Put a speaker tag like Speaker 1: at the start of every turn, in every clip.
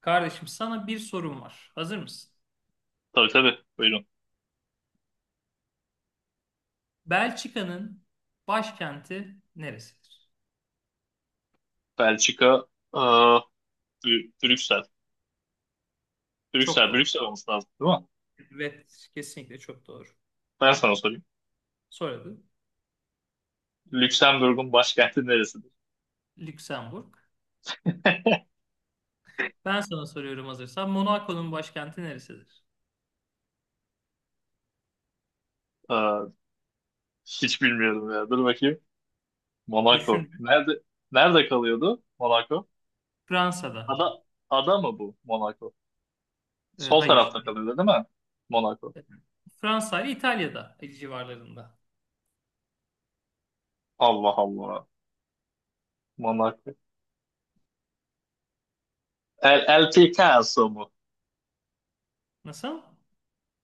Speaker 1: Kardeşim sana bir sorum var. Hazır mısın?
Speaker 2: Tabii tabii. Buyurun.
Speaker 1: Belçika'nın başkenti neresidir?
Speaker 2: Belçika, aa, Brüksel.
Speaker 1: Çok
Speaker 2: Brüksel,
Speaker 1: doğru.
Speaker 2: Brüksel olması lazım değil mi?
Speaker 1: Evet, kesinlikle çok doğru.
Speaker 2: Ben sana sorayım.
Speaker 1: Soradı.
Speaker 2: Lüksemburg'un başkenti neresidir?
Speaker 1: Lüksemburg. Ben sana soruyorum hazırsan. Monaco'nun başkenti neresidir?
Speaker 2: Aa, hiç bilmiyorum ya. Dur bakayım. Monaco.
Speaker 1: Düşün.
Speaker 2: Nerede kalıyordu Monaco?
Speaker 1: Fransa'da.
Speaker 2: Ada ada mı bu Monaco?
Speaker 1: E,
Speaker 2: Sol
Speaker 1: hayır.
Speaker 2: tarafta kalıyordu değil mi? Monaco.
Speaker 1: Fransa ile İtalya'da civarlarında.
Speaker 2: Allah Allah. Monaco. El Picasso mu?
Speaker 1: Nasıl?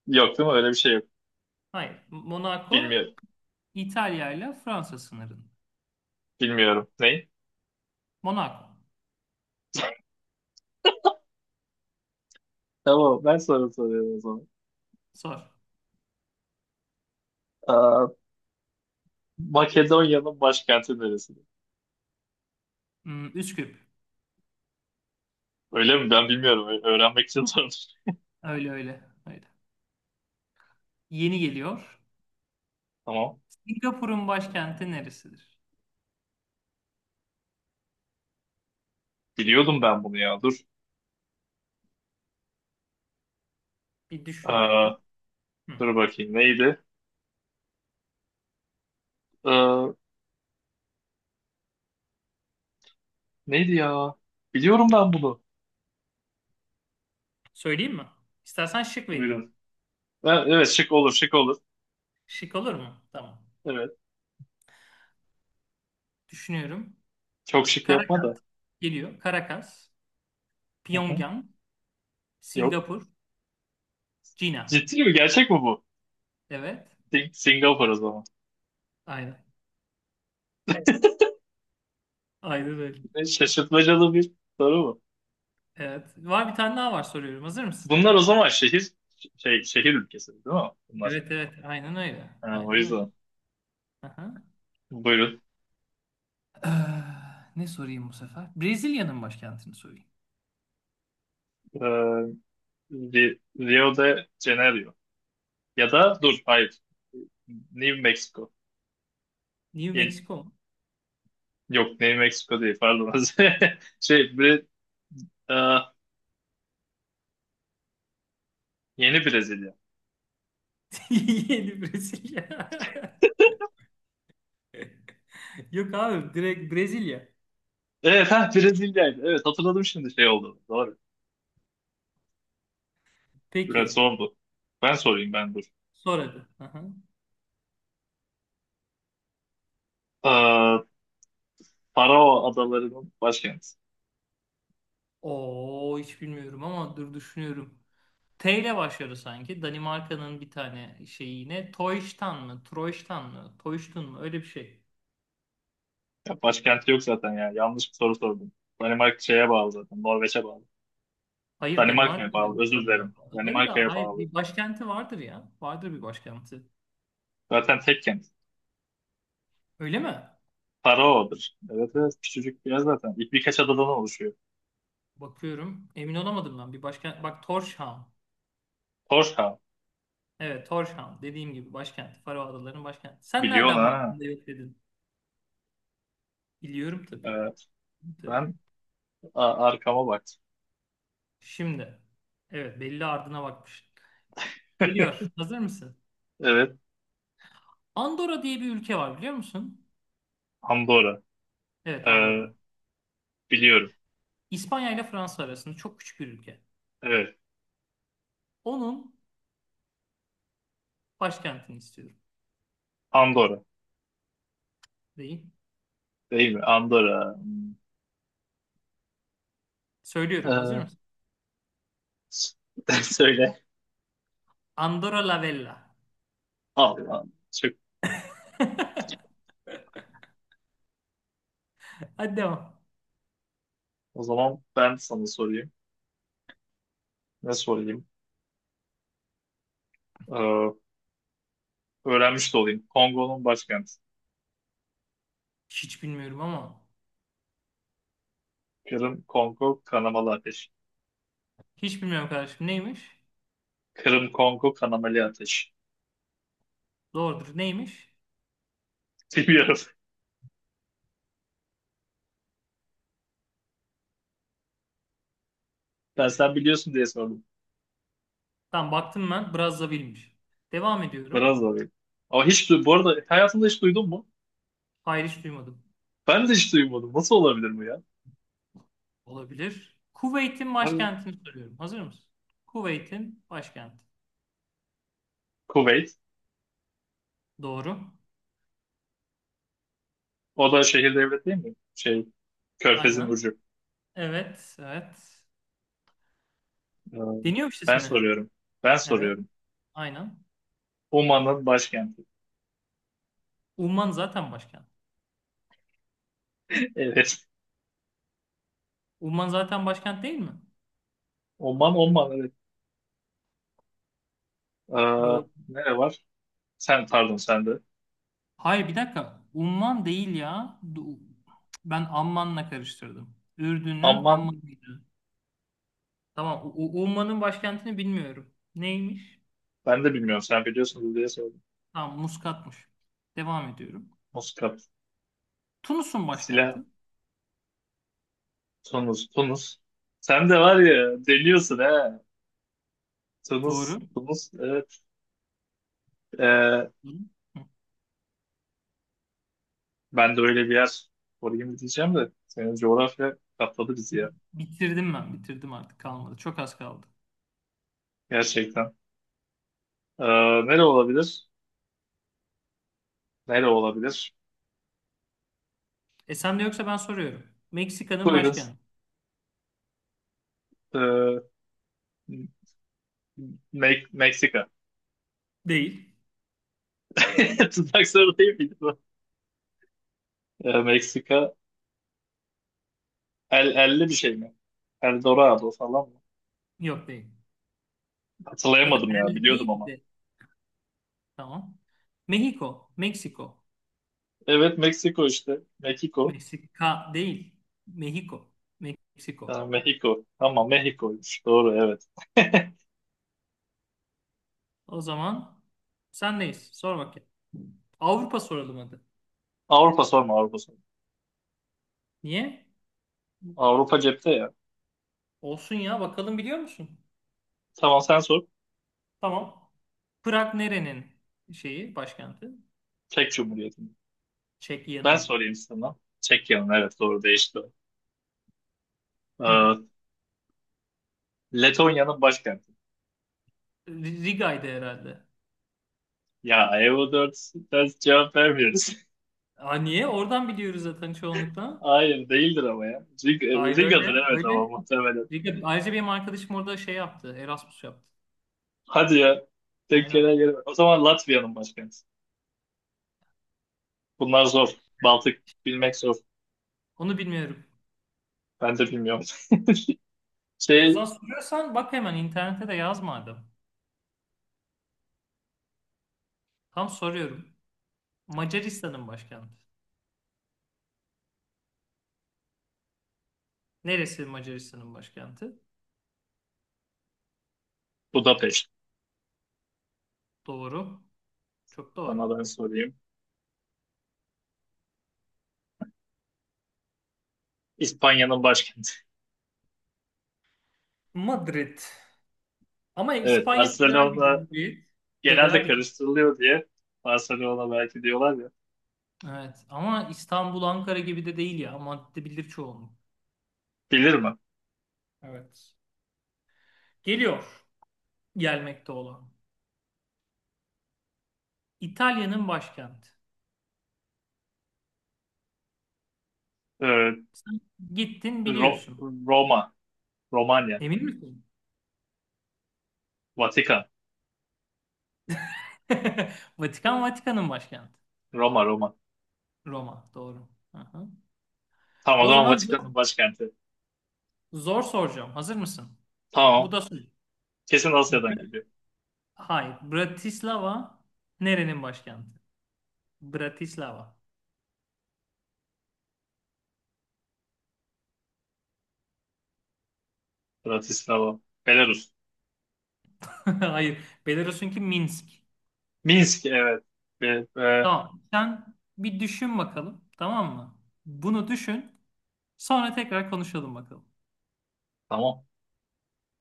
Speaker 2: Yok değil mi? Öyle bir şey yok.
Speaker 1: Hayır. Monaco
Speaker 2: Bilmiyorum.
Speaker 1: İtalya ile Fransa sınırında.
Speaker 2: Bilmiyorum. Ne?
Speaker 1: Monaco.
Speaker 2: Tamam, ben sana soruyorum o zaman.
Speaker 1: Sor.
Speaker 2: E, Makedonya'nın başkenti neresi?
Speaker 1: Hmm, Üsküp.
Speaker 2: Öyle mi? Ben bilmiyorum. Öğrenmek için sordum.
Speaker 1: Öyle öyle. Öyle. Yeni geliyor.
Speaker 2: Tamam.
Speaker 1: Singapur'un başkenti neresidir?
Speaker 2: Biliyordum ben bunu ya. Dur.
Speaker 1: Bir düşün
Speaker 2: Ee,
Speaker 1: bakayım. Hı.
Speaker 2: dur bakayım. Neydi? Ee, neydi ya? Biliyorum ben bunu.
Speaker 1: Söyleyeyim mi? İstersen şık vereyim.
Speaker 2: Buyurun. Evet, şık olur, şık olur.
Speaker 1: Şık olur mu? Tamam.
Speaker 2: Evet.
Speaker 1: Düşünüyorum.
Speaker 2: Çok şık yapma
Speaker 1: Karakat
Speaker 2: da.
Speaker 1: geliyor. Karakas,
Speaker 2: Hı hı.
Speaker 1: Pyongyang,
Speaker 2: Yok.
Speaker 1: Singapur, Cina.
Speaker 2: Ciddi mi? Gerçek mi bu?
Speaker 1: Evet.
Speaker 2: Singapur o zaman.
Speaker 1: Aynen. Aynen öyle.
Speaker 2: Şaşırtmacalı bir soru bu.
Speaker 1: Evet. Var bir tane daha var, soruyorum. Hazır mısın?
Speaker 2: Bunlar o zaman şehir ülkesi değil mi bunlar?
Speaker 1: Evet, evet. Aynen öyle.
Speaker 2: Ha, o
Speaker 1: Aynen öyle.
Speaker 2: yüzden.
Speaker 1: Aha.
Speaker 2: Buyurun.
Speaker 1: Ee, ne sorayım bu sefer? Brezilya'nın başkentini sorayım.
Speaker 2: Ee, Rio de Janeiro. Ya da dur, hayır. New Mexico.
Speaker 1: New
Speaker 2: Yeni-
Speaker 1: Mexico mu?
Speaker 2: yok New Mexico değil, pardon. Şey, e, yeni Brezilya.
Speaker 1: Yeni Brezilya. Yok abi, direkt Brezilya.
Speaker 2: Evet, ha, Brezilya'ydı. Evet, hatırladım şimdi, şey oldu. Doğru. Evet,
Speaker 1: Peki.
Speaker 2: son bu. Ben sorayım, ben. Dur.
Speaker 1: Sor hadi. Aha.
Speaker 2: E, Faroe Adaları'nın başkenti.
Speaker 1: Oo, hiç bilmiyorum ama dur, düşünüyorum. T ile başlıyor sanki. Danimarka'nın bir tane şeyi yine. Toyştan mı? Troyştan mı? Toyştun mu? Öyle bir şey.
Speaker 2: Ya başkenti yok zaten ya. Yanlış bir soru sordum. Danimarka şeye bağlı zaten. Norveç'e bağlı.
Speaker 1: Hayır,
Speaker 2: Danimarka'ya
Speaker 1: Danimarka'da
Speaker 2: bağlı.
Speaker 1: yok.
Speaker 2: Özür dilerim.
Speaker 1: Adaları da
Speaker 2: Danimarka'ya
Speaker 1: hayır,
Speaker 2: bağlı.
Speaker 1: bir başkenti vardır ya. Vardır bir başkenti.
Speaker 2: Zaten tek kent.
Speaker 1: Öyle mi?
Speaker 2: Faroe'dur. Evet, evet. Küçücük bir yer zaten. Birkaç adadan oluşuyor.
Speaker 1: Bakıyorum. Emin olamadım ben. Bir başkent. Bak, Tórshavn.
Speaker 2: Torshov.
Speaker 1: Evet, Tórshavn. Dediğim gibi başkent. Faro Adaları'nın başkenti. Sen
Speaker 2: Biliyorsun
Speaker 1: nereden
Speaker 2: ha.
Speaker 1: baktın da yok dedin? Biliyorum tabii.
Speaker 2: Evet.
Speaker 1: Tabii.
Speaker 2: Ben arkama baktım.
Speaker 1: Şimdi. Evet, belli ardına bakmış. Geliyor. Hazır mısın?
Speaker 2: Evet.
Speaker 1: Andorra diye bir ülke var, biliyor musun?
Speaker 2: Andorra.
Speaker 1: Evet,
Speaker 2: Ee,
Speaker 1: Andorra.
Speaker 2: biliyorum.
Speaker 1: İspanya ile Fransa arasında çok küçük bir ülke.
Speaker 2: Evet.
Speaker 1: Onun başkentini istiyorum.
Speaker 2: Andorra.
Speaker 1: Değil.
Speaker 2: Değil mi? Andorra. Hmm.
Speaker 1: Söylüyorum. Hazır
Speaker 2: Ee,
Speaker 1: mısın?
Speaker 2: s- Söyle.
Speaker 1: Andorra la Vella.
Speaker 2: Allah. Çok.
Speaker 1: Hadi devam.
Speaker 2: O zaman ben sana sorayım. Ne sorayım? Ee, öğrenmiş de olayım. Kongo'nun başkenti.
Speaker 1: Hiç bilmiyorum ama.
Speaker 2: Kırım, Kongo, kanamalı ateş.
Speaker 1: Hiç bilmiyorum kardeşim. Neymiş?
Speaker 2: Kırım, Kongo, kanamalı ateş.
Speaker 1: Doğrudur. Neymiş?
Speaker 2: Bilmiyorum. Ben sen biliyorsun diye sordum.
Speaker 1: Tam baktım ben. Brazzaville'miş. Devam ediyorum.
Speaker 2: Biraz zor. Ama hiç bu arada hayatında hiç duydun mu?
Speaker 1: Hayır, hiç duymadım.
Speaker 2: Ben de hiç duymadım. Nasıl olabilir bu ya?
Speaker 1: Olabilir. Kuveyt'in
Speaker 2: Hani
Speaker 1: başkentini soruyorum. Hazır mısın? Kuveyt'in başkenti.
Speaker 2: Kuveyt.
Speaker 1: Doğru.
Speaker 2: O da şehir devlet değil mi? Şey, Körfez'in
Speaker 1: Aynen.
Speaker 2: ucu.
Speaker 1: Evet, evet.
Speaker 2: Ee,
Speaker 1: Deniyor işte
Speaker 2: Ben
Speaker 1: seni.
Speaker 2: soruyorum. Ben
Speaker 1: Evet,
Speaker 2: soruyorum.
Speaker 1: aynen.
Speaker 2: Oman'ın başkenti.
Speaker 1: Umman zaten başkent.
Speaker 2: Evet.
Speaker 1: Umman zaten başkent değil mi?
Speaker 2: Oman, Oman, evet. Ee,
Speaker 1: Doğru.
Speaker 2: nere var? Sen, pardon, sende.
Speaker 1: Hayır, bir dakika. Umman değil ya. Du- Ben Amman'la karıştırdım. Ürdün'ün
Speaker 2: Amman,
Speaker 1: Amman'ıydı. Tamam. U- U- Umman'ın başkentini bilmiyorum. Neymiş?
Speaker 2: ben de bilmiyorum. Sen biliyorsunuz diye sordum.
Speaker 1: Tamam, Muskat'mış. Devam ediyorum.
Speaker 2: Muscat,
Speaker 1: Tunus'un başkenti.
Speaker 2: Silah, Tunus, Tunus. Sen de var ya, deliyorsun he. Tunus,
Speaker 1: Doğru.
Speaker 2: Tunus, evet. Ee,
Speaker 1: Hı. Hı.
Speaker 2: Ben de öyle bir yer sorayım diyeceğim de senin coğrafya katladı bizi ya.
Speaker 1: Bitirdim ben. Bitirdim, artık kalmadı. Çok az kaldı.
Speaker 2: Gerçekten. Ee, nere olabilir? Nere olabilir?
Speaker 1: E sen de yoksa ben soruyorum. Meksika'nın
Speaker 2: Buyurun.
Speaker 1: başkenti.
Speaker 2: Ee, Meksika.
Speaker 1: Değil.
Speaker 2: Tutmak soru değil miydi bu? Meksika. Elli bir şey mi? Eldorado falan mı?
Speaker 1: Yok değil.
Speaker 2: Hatırlayamadım
Speaker 1: Zaten
Speaker 2: ya,
Speaker 1: el
Speaker 2: biliyordum
Speaker 1: değil
Speaker 2: ama.
Speaker 1: de. Tamam. Mexico, Meksiko.
Speaker 2: Evet, Meksiko işte. Meksiko.
Speaker 1: Meksika değil. Mexico, Meksiko.
Speaker 2: Ha, Mexico. Ama Mexico'ymuş. Doğru, evet.
Speaker 1: O zaman sen neyiz? Sor bakayım. Avrupa soralım hadi.
Speaker 2: Avrupa sorma, Avrupa sorma.
Speaker 1: Niye?
Speaker 2: Avrupa cepte ya.
Speaker 1: Olsun ya, bakalım biliyor musun?
Speaker 2: Tamam, sen sor.
Speaker 1: Tamam. Prag nerenin şeyi, başkenti?
Speaker 2: Çek Cumhuriyeti. Ben
Speaker 1: Çekya'nın.
Speaker 2: sorayım sana. Çekya'nın, evet, doğru, değişti o.
Speaker 1: Hı.
Speaker 2: Ee, Letonya'nın başkenti.
Speaker 1: R- Riga'ydı herhalde.
Speaker 2: Ya, Evo 4 ders cevap vermiyoruz.
Speaker 1: Aa, niye? Oradan biliyoruz zaten çoğunlukla.
Speaker 2: Hayır değildir ama ya.
Speaker 1: Hayır
Speaker 2: Riga'dır
Speaker 1: öyle,
Speaker 2: evet, ama
Speaker 1: öyle.
Speaker 2: muhtemelen.
Speaker 1: Riga, ayrıca benim arkadaşım orada şey yaptı, Erasmus yaptı.
Speaker 2: Hadi ya.
Speaker 1: Aynen.
Speaker 2: Tekkene gelme. O zaman Latvia'nın başkenti. Bunlar zor. Baltık bilmek zor.
Speaker 1: Onu bilmiyorum.
Speaker 2: Ben de bilmiyorum.
Speaker 1: E o
Speaker 2: Şey,
Speaker 1: zaman soruyorsan bak, hemen internete de yaz madem. Tam soruyorum. Macaristan'ın başkenti. Neresi Macaristan'ın başkenti?
Speaker 2: Budapeşt.
Speaker 1: Doğru. Çok doğru.
Speaker 2: Sana ben sorayım. İspanya'nın başkenti.
Speaker 1: Madrid. Ama
Speaker 2: Evet,
Speaker 1: İspanya federal bir
Speaker 2: Barcelona
Speaker 1: cumhuriyet.
Speaker 2: genelde
Speaker 1: Federal bir cumhuriyet.
Speaker 2: karıştırılıyor diye. Barcelona belki diyorlar ya.
Speaker 1: Evet. Ama İstanbul, Ankara gibi de değil ya. Madde bilir çoğunluk.
Speaker 2: Bilir mi?
Speaker 1: Evet. Geliyor. Gelmekte olan. İtalya'nın başkenti.
Speaker 2: Ee,
Speaker 1: Sen gittin,
Speaker 2: Ro-
Speaker 1: biliyorsun.
Speaker 2: Roma, Romanya.
Speaker 1: Emin misin?
Speaker 2: Vatikan.
Speaker 1: Vatikan,
Speaker 2: Evet.
Speaker 1: Vatikan'ın başkenti.
Speaker 2: Roma, Roma.
Speaker 1: Roma. Doğru. Aha.
Speaker 2: Tamam, o
Speaker 1: O
Speaker 2: zaman
Speaker 1: zaman zor,
Speaker 2: Vatikan'ın başkenti.
Speaker 1: zor soracağım. Hazır mısın? Bu
Speaker 2: Tamam.
Speaker 1: da soru.
Speaker 2: Kesin
Speaker 1: B-
Speaker 2: Asya'dan geliyor.
Speaker 1: Hayır. Bratislava nerenin başkenti? Bratislava.
Speaker 2: Bratislava. Belarus.
Speaker 1: Hayır. Belarus'unki Minsk.
Speaker 2: Minsk, evet. Be- be-
Speaker 1: Tamam. Sen bir düşün bakalım. Tamam mı? Bunu düşün. Sonra tekrar konuşalım bakalım.
Speaker 2: tamam.